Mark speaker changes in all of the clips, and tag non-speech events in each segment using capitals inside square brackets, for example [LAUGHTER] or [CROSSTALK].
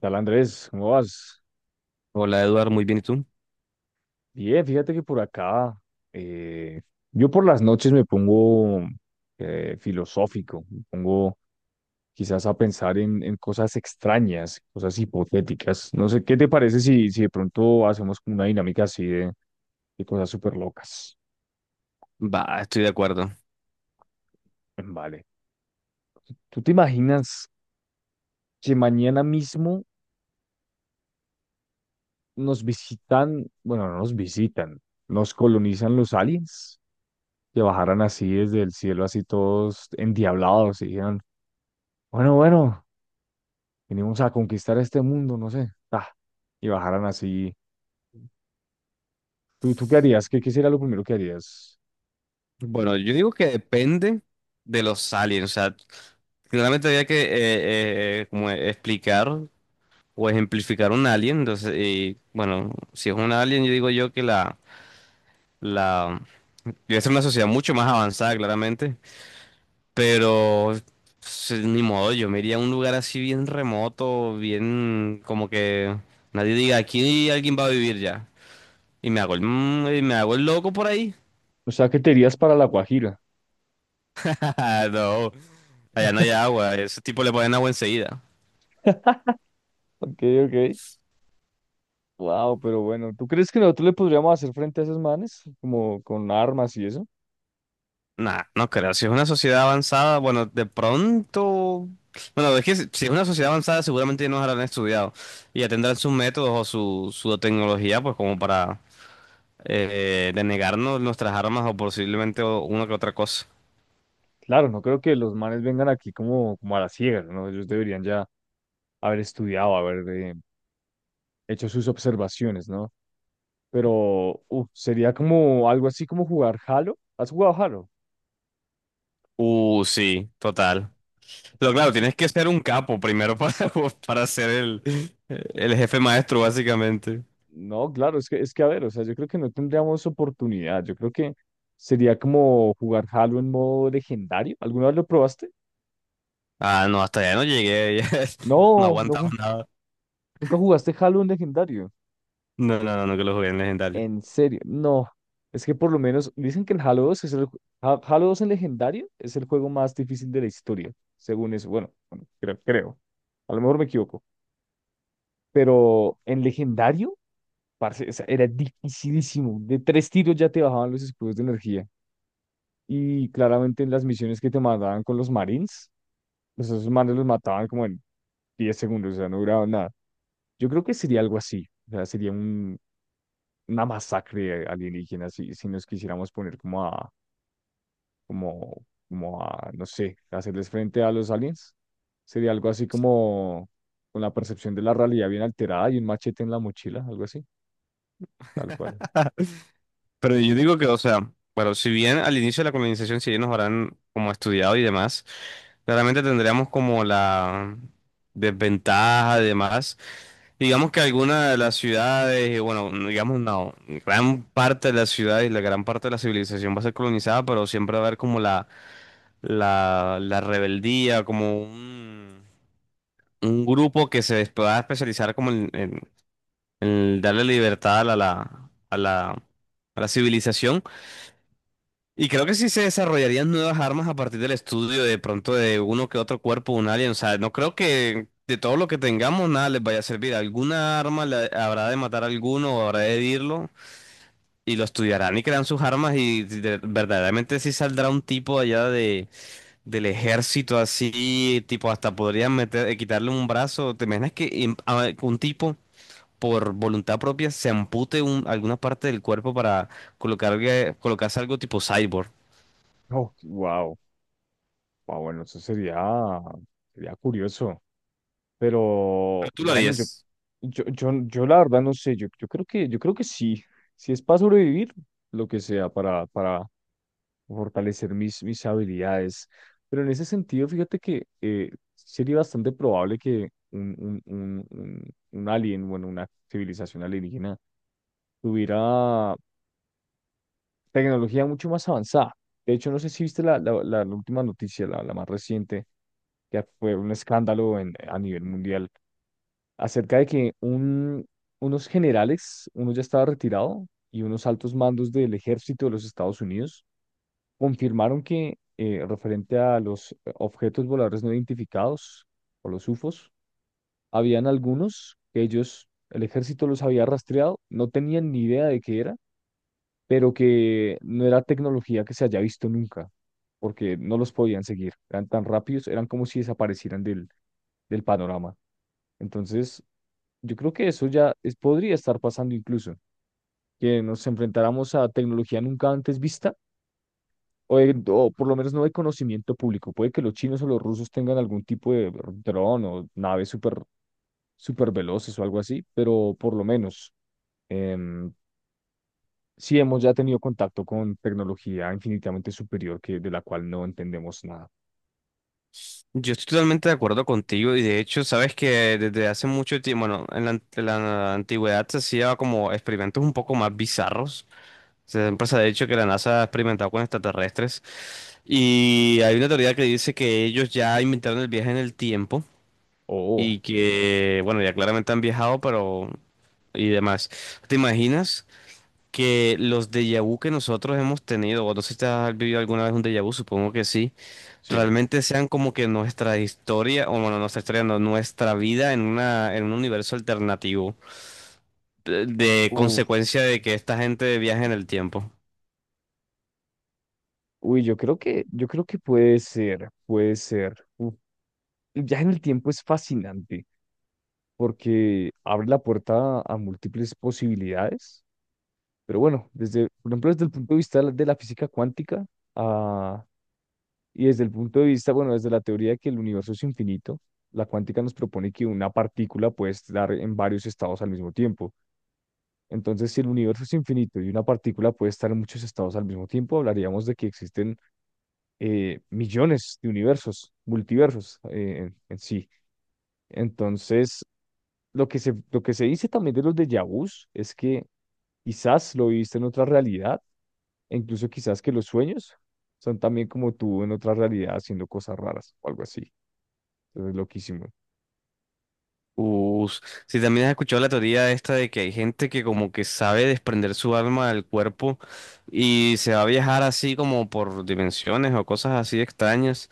Speaker 1: Tal Andrés, ¿cómo vas?
Speaker 2: Hola Eduardo, muy bien, ¿y tú?
Speaker 1: Bien, fíjate que por acá, eh, yo por las noches me pongo filosófico, me pongo quizás a pensar en cosas extrañas, cosas hipotéticas. No sé, ¿qué te parece si de pronto hacemos como una dinámica así de cosas súper locas?
Speaker 2: Va, estoy de acuerdo.
Speaker 1: Vale. ¿Tú te imaginas que mañana mismo nos visitan, bueno, no nos visitan, nos colonizan los aliens? Que bajaran así desde el cielo, así todos endiablados, y dijeran, bueno, bueno, venimos a conquistar este mundo, no sé. Ah, y bajaran así. ¿Tú qué harías? ¿Qué sería lo primero que harías?
Speaker 2: Bueno, yo digo que depende de los aliens, o sea, claramente había que como explicar o ejemplificar un alien, entonces, y, bueno, si es un alien, yo digo yo que la debe ser una sociedad mucho más avanzada, claramente, pero sí, ni modo, yo me iría a un lugar así bien remoto, bien como que nadie diga, aquí alguien va a vivir ya, y me hago y me hago el loco por ahí.
Speaker 1: O sea, ¿qué te irías para La Guajira.
Speaker 2: [LAUGHS] Ah, no. Allá no hay agua, ese tipo le ponen agua enseguida.
Speaker 1: [LAUGHS] Ok, ok. Wow, pero bueno, ¿tú crees que nosotros le podríamos hacer frente a esos manes? Como con armas y eso.
Speaker 2: Nah, no creo. Si es una sociedad avanzada, bueno, de pronto. Bueno, es que si es una sociedad avanzada, seguramente ya nos habrán estudiado y ya tendrán sus métodos o su tecnología, pues como para denegarnos nuestras armas o posiblemente una que otra cosa.
Speaker 1: Claro, no creo que los manes vengan aquí como, como a la ciega, ¿no? Ellos deberían ya haber estudiado, haber hecho sus observaciones, ¿no? Pero uf, sería como algo así como jugar Halo. ¿Has jugado Halo?
Speaker 2: Sí, total. Pero claro, tienes que ser un capo primero para, [LAUGHS] para ser el jefe maestro, básicamente.
Speaker 1: No, claro, es que a ver, o sea, yo creo que no tendríamos oportunidad. Yo creo que sería como jugar Halo en modo legendario. ¿Alguna vez lo probaste?
Speaker 2: Ah, no, hasta allá no llegué, [LAUGHS] ya no
Speaker 1: No, no,
Speaker 2: aguantaba nada.
Speaker 1: nunca jugaste Halo en legendario.
Speaker 2: No, no, no, no que lo jugué en legendario.
Speaker 1: En serio, no. Es que por lo menos dicen que el Halo 2 es el Halo 2 en legendario es el juego más difícil de la historia, según eso. Bueno, bueno, creo. A lo mejor me equivoco. Pero en legendario, parce, o sea, era dificilísimo. De tres tiros ya te bajaban los escudos de energía. Y claramente en las misiones que te mandaban con los Marines, pues esos manes los mataban como en 10 segundos, o sea, no duraban nada. Yo creo que sería algo así, o sea, una masacre alienígena si nos quisiéramos poner como a, no sé, hacerles frente a los aliens. Sería algo así como con la percepción de la realidad bien alterada y un machete en la mochila, algo así, tal cual.
Speaker 2: [LAUGHS] Pero yo digo que, o sea, bueno, si bien al inicio de la colonización, si bien nos habrán como estudiado y demás, claramente tendríamos como la desventaja y demás. Digamos que alguna de las ciudades, y bueno, digamos no, gran parte de las ciudades y la gran parte de la civilización va a ser colonizada, pero siempre va a haber como la rebeldía, como un grupo que se va a especializar como en el darle libertad a la a la civilización. Y creo que sí se desarrollarían nuevas armas a partir del estudio de pronto de uno que otro cuerpo, de un alien. O sea, no creo que de todo lo que tengamos nada les vaya a servir. Alguna arma habrá de matar a alguno o habrá de herirlo y lo estudiarán y crean sus armas y verdaderamente sí saldrá un tipo allá de, del ejército así, tipo hasta podrían meter, quitarle un brazo. ¿Te imaginas que un tipo por voluntad propia se ampute alguna parte del cuerpo para colocarse algo tipo cyborg?
Speaker 1: Oh, wow, wow, bueno, sería curioso. Pero
Speaker 2: Pero tú lo
Speaker 1: bueno,
Speaker 2: harías.
Speaker 1: yo la verdad no sé, yo creo que sí, si es para sobrevivir, lo que sea, para fortalecer mis habilidades. Pero en ese sentido, fíjate que sería bastante probable que un alien, bueno, una civilización alienígena, tuviera tecnología mucho más avanzada. De hecho, no sé si viste la última noticia, la más reciente, que fue un escándalo en, a nivel mundial acerca de que unos generales, uno ya estaba retirado, y unos altos mandos del ejército de los Estados Unidos confirmaron que, referente a los objetos voladores no identificados, o los UFOs, habían algunos que ellos, el ejército los había rastreado, no tenían ni idea de qué era, pero que no era tecnología que se haya visto nunca, porque no los podían seguir, eran tan rápidos, eran como si desaparecieran del, del panorama. Entonces, yo creo que eso podría estar pasando incluso, que nos enfrentáramos a tecnología nunca antes vista, o, o por lo menos no de conocimiento público. Puede que los chinos o los rusos tengan algún tipo de dron o naves súper veloces o algo así, pero por lo menos em, sí hemos ya tenido contacto con tecnología infinitamente superior que, de la cual no entendemos nada.
Speaker 2: Yo estoy totalmente de acuerdo contigo y de hecho, sabes que desde hace mucho tiempo, bueno, en en la antigüedad se hacía como experimentos un poco más bizarros. Siempre se ha dicho que la NASA ha experimentado con extraterrestres y hay una teoría que dice que ellos ya inventaron el viaje en el tiempo
Speaker 1: Oh,
Speaker 2: y que, bueno, ya claramente han viajado, pero y demás. ¿Te imaginas que los déjà vu que nosotros hemos tenido, o no sé si te has vivido alguna vez un déjà vu, supongo que sí,
Speaker 1: sí.
Speaker 2: realmente sean como que nuestra historia, o bueno, nuestra historia, no, nuestra vida en en un universo alternativo, de
Speaker 1: Uf.
Speaker 2: consecuencia de que esta gente viaja en el tiempo?
Speaker 1: Uy, yo creo que puede ser, puede ser. Uf, ya en el tiempo es fascinante. Porque abre la puerta a múltiples posibilidades. Pero bueno, desde, por ejemplo, desde el punto de vista de la física cuántica, ah, y desde el punto de vista, bueno, desde la teoría de que el universo es infinito, la cuántica nos propone que una partícula puede estar en varios estados al mismo tiempo. Entonces, si el universo es infinito y una partícula puede estar en muchos estados al mismo tiempo, hablaríamos de que existen millones de universos, multiversos en sí. Entonces, lo que se dice también de los déjà vus es que quizás lo viviste en otra realidad, e incluso quizás que los sueños son también como tú en otra realidad haciendo cosas raras o algo así. Entonces, loquísimo.
Speaker 2: Us- si también has escuchado la teoría esta de que hay gente que como que sabe desprender su alma del cuerpo y se va a viajar así como por dimensiones o cosas así extrañas.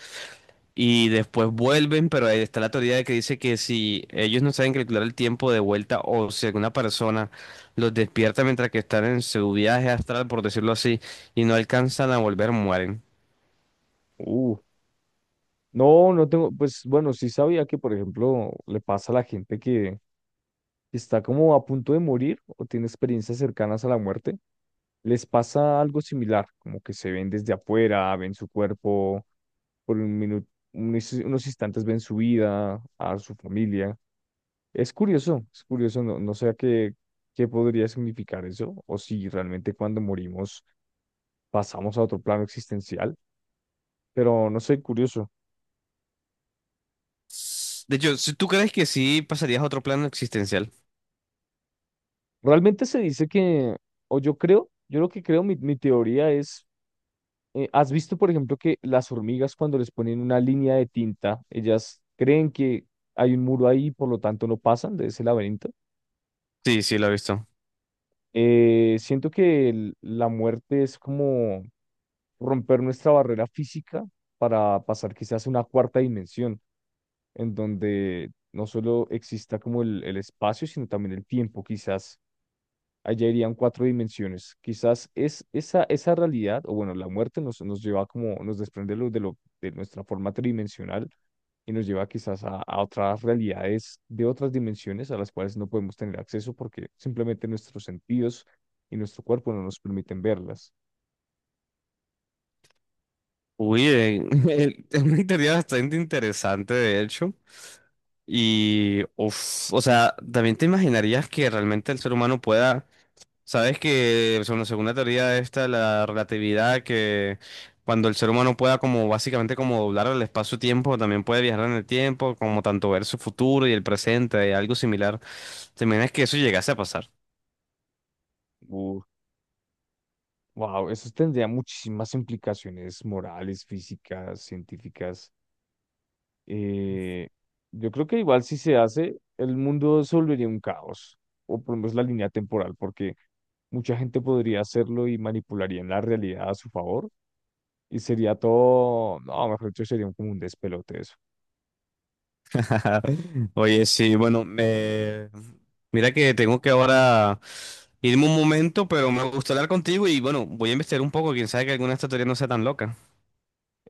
Speaker 2: Y después vuelven, pero ahí está la teoría de que dice que si ellos no saben calcular el tiempo de vuelta o si alguna persona los despierta mientras que están en su viaje astral, por decirlo así, y no alcanzan a volver, mueren.
Speaker 1: Uh, no, no tengo, pues bueno, sí sabía que, por ejemplo, le pasa a la gente que está como a punto de morir o tiene experiencias cercanas a la muerte, les pasa algo similar, como que se ven desde afuera, ven su cuerpo por un minuto, unos instantes ven su vida, a su familia. Es curioso, no, no sé a qué, qué podría significar eso, o si realmente cuando morimos pasamos a otro plano existencial, pero no sé, curioso.
Speaker 2: De hecho, ¿si tú crees que sí pasarías a otro plano existencial?
Speaker 1: Realmente se dice que, o yo creo, yo lo que creo, mi teoría es, ¿has visto, por ejemplo, que las hormigas cuando les ponen una línea de tinta, ellas creen que hay un muro ahí, por lo tanto no pasan de ese laberinto?
Speaker 2: Sí, sí, lo he visto.
Speaker 1: Siento que la muerte es como romper nuestra barrera física para pasar quizás a una cuarta dimensión, en donde no solo exista como el espacio, sino también el tiempo, quizás allá irían cuatro dimensiones. Quizás es esa, esa realidad, o bueno, la muerte nos lleva como, nos desprende de nuestra forma tridimensional y nos lleva quizás a otras realidades de otras dimensiones a las cuales no podemos tener acceso porque simplemente nuestros sentidos y nuestro cuerpo no nos permiten verlas.
Speaker 2: Uy, [LAUGHS] es una teoría bastante interesante, de hecho. Y, uf, o sea, también te imaginarías que realmente el ser humano pueda. Sabes que según la segunda teoría esta, la relatividad, que cuando el ser humano pueda como básicamente como doblar el espacio-tiempo, también puede viajar en el tiempo, como tanto ver su futuro y el presente, y algo similar. ¿Te imaginas que eso llegase a pasar?
Speaker 1: Uf, wow, eso tendría muchísimas implicaciones morales, físicas, científicas. Eh, yo creo que igual si se hace, el mundo se volvería un caos, o por lo menos la línea temporal, porque mucha gente podría hacerlo y manipularía la realidad a su favor, y sería todo, no, mejor dicho, como un despelote eso.
Speaker 2: [LAUGHS] Oye, sí, bueno, me... mira que tengo que ahora irme un momento, pero me gusta hablar contigo y bueno, voy a investigar un poco, quién sabe que alguna de estas teorías no sea tan loca.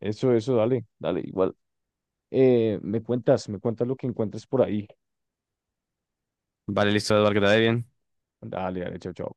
Speaker 1: Eso, dale, dale, igual. Me cuentas lo que encuentres por ahí.
Speaker 2: Vale, listo, Eduardo, que te vaya bien.
Speaker 1: Dale, dale, chao, chao.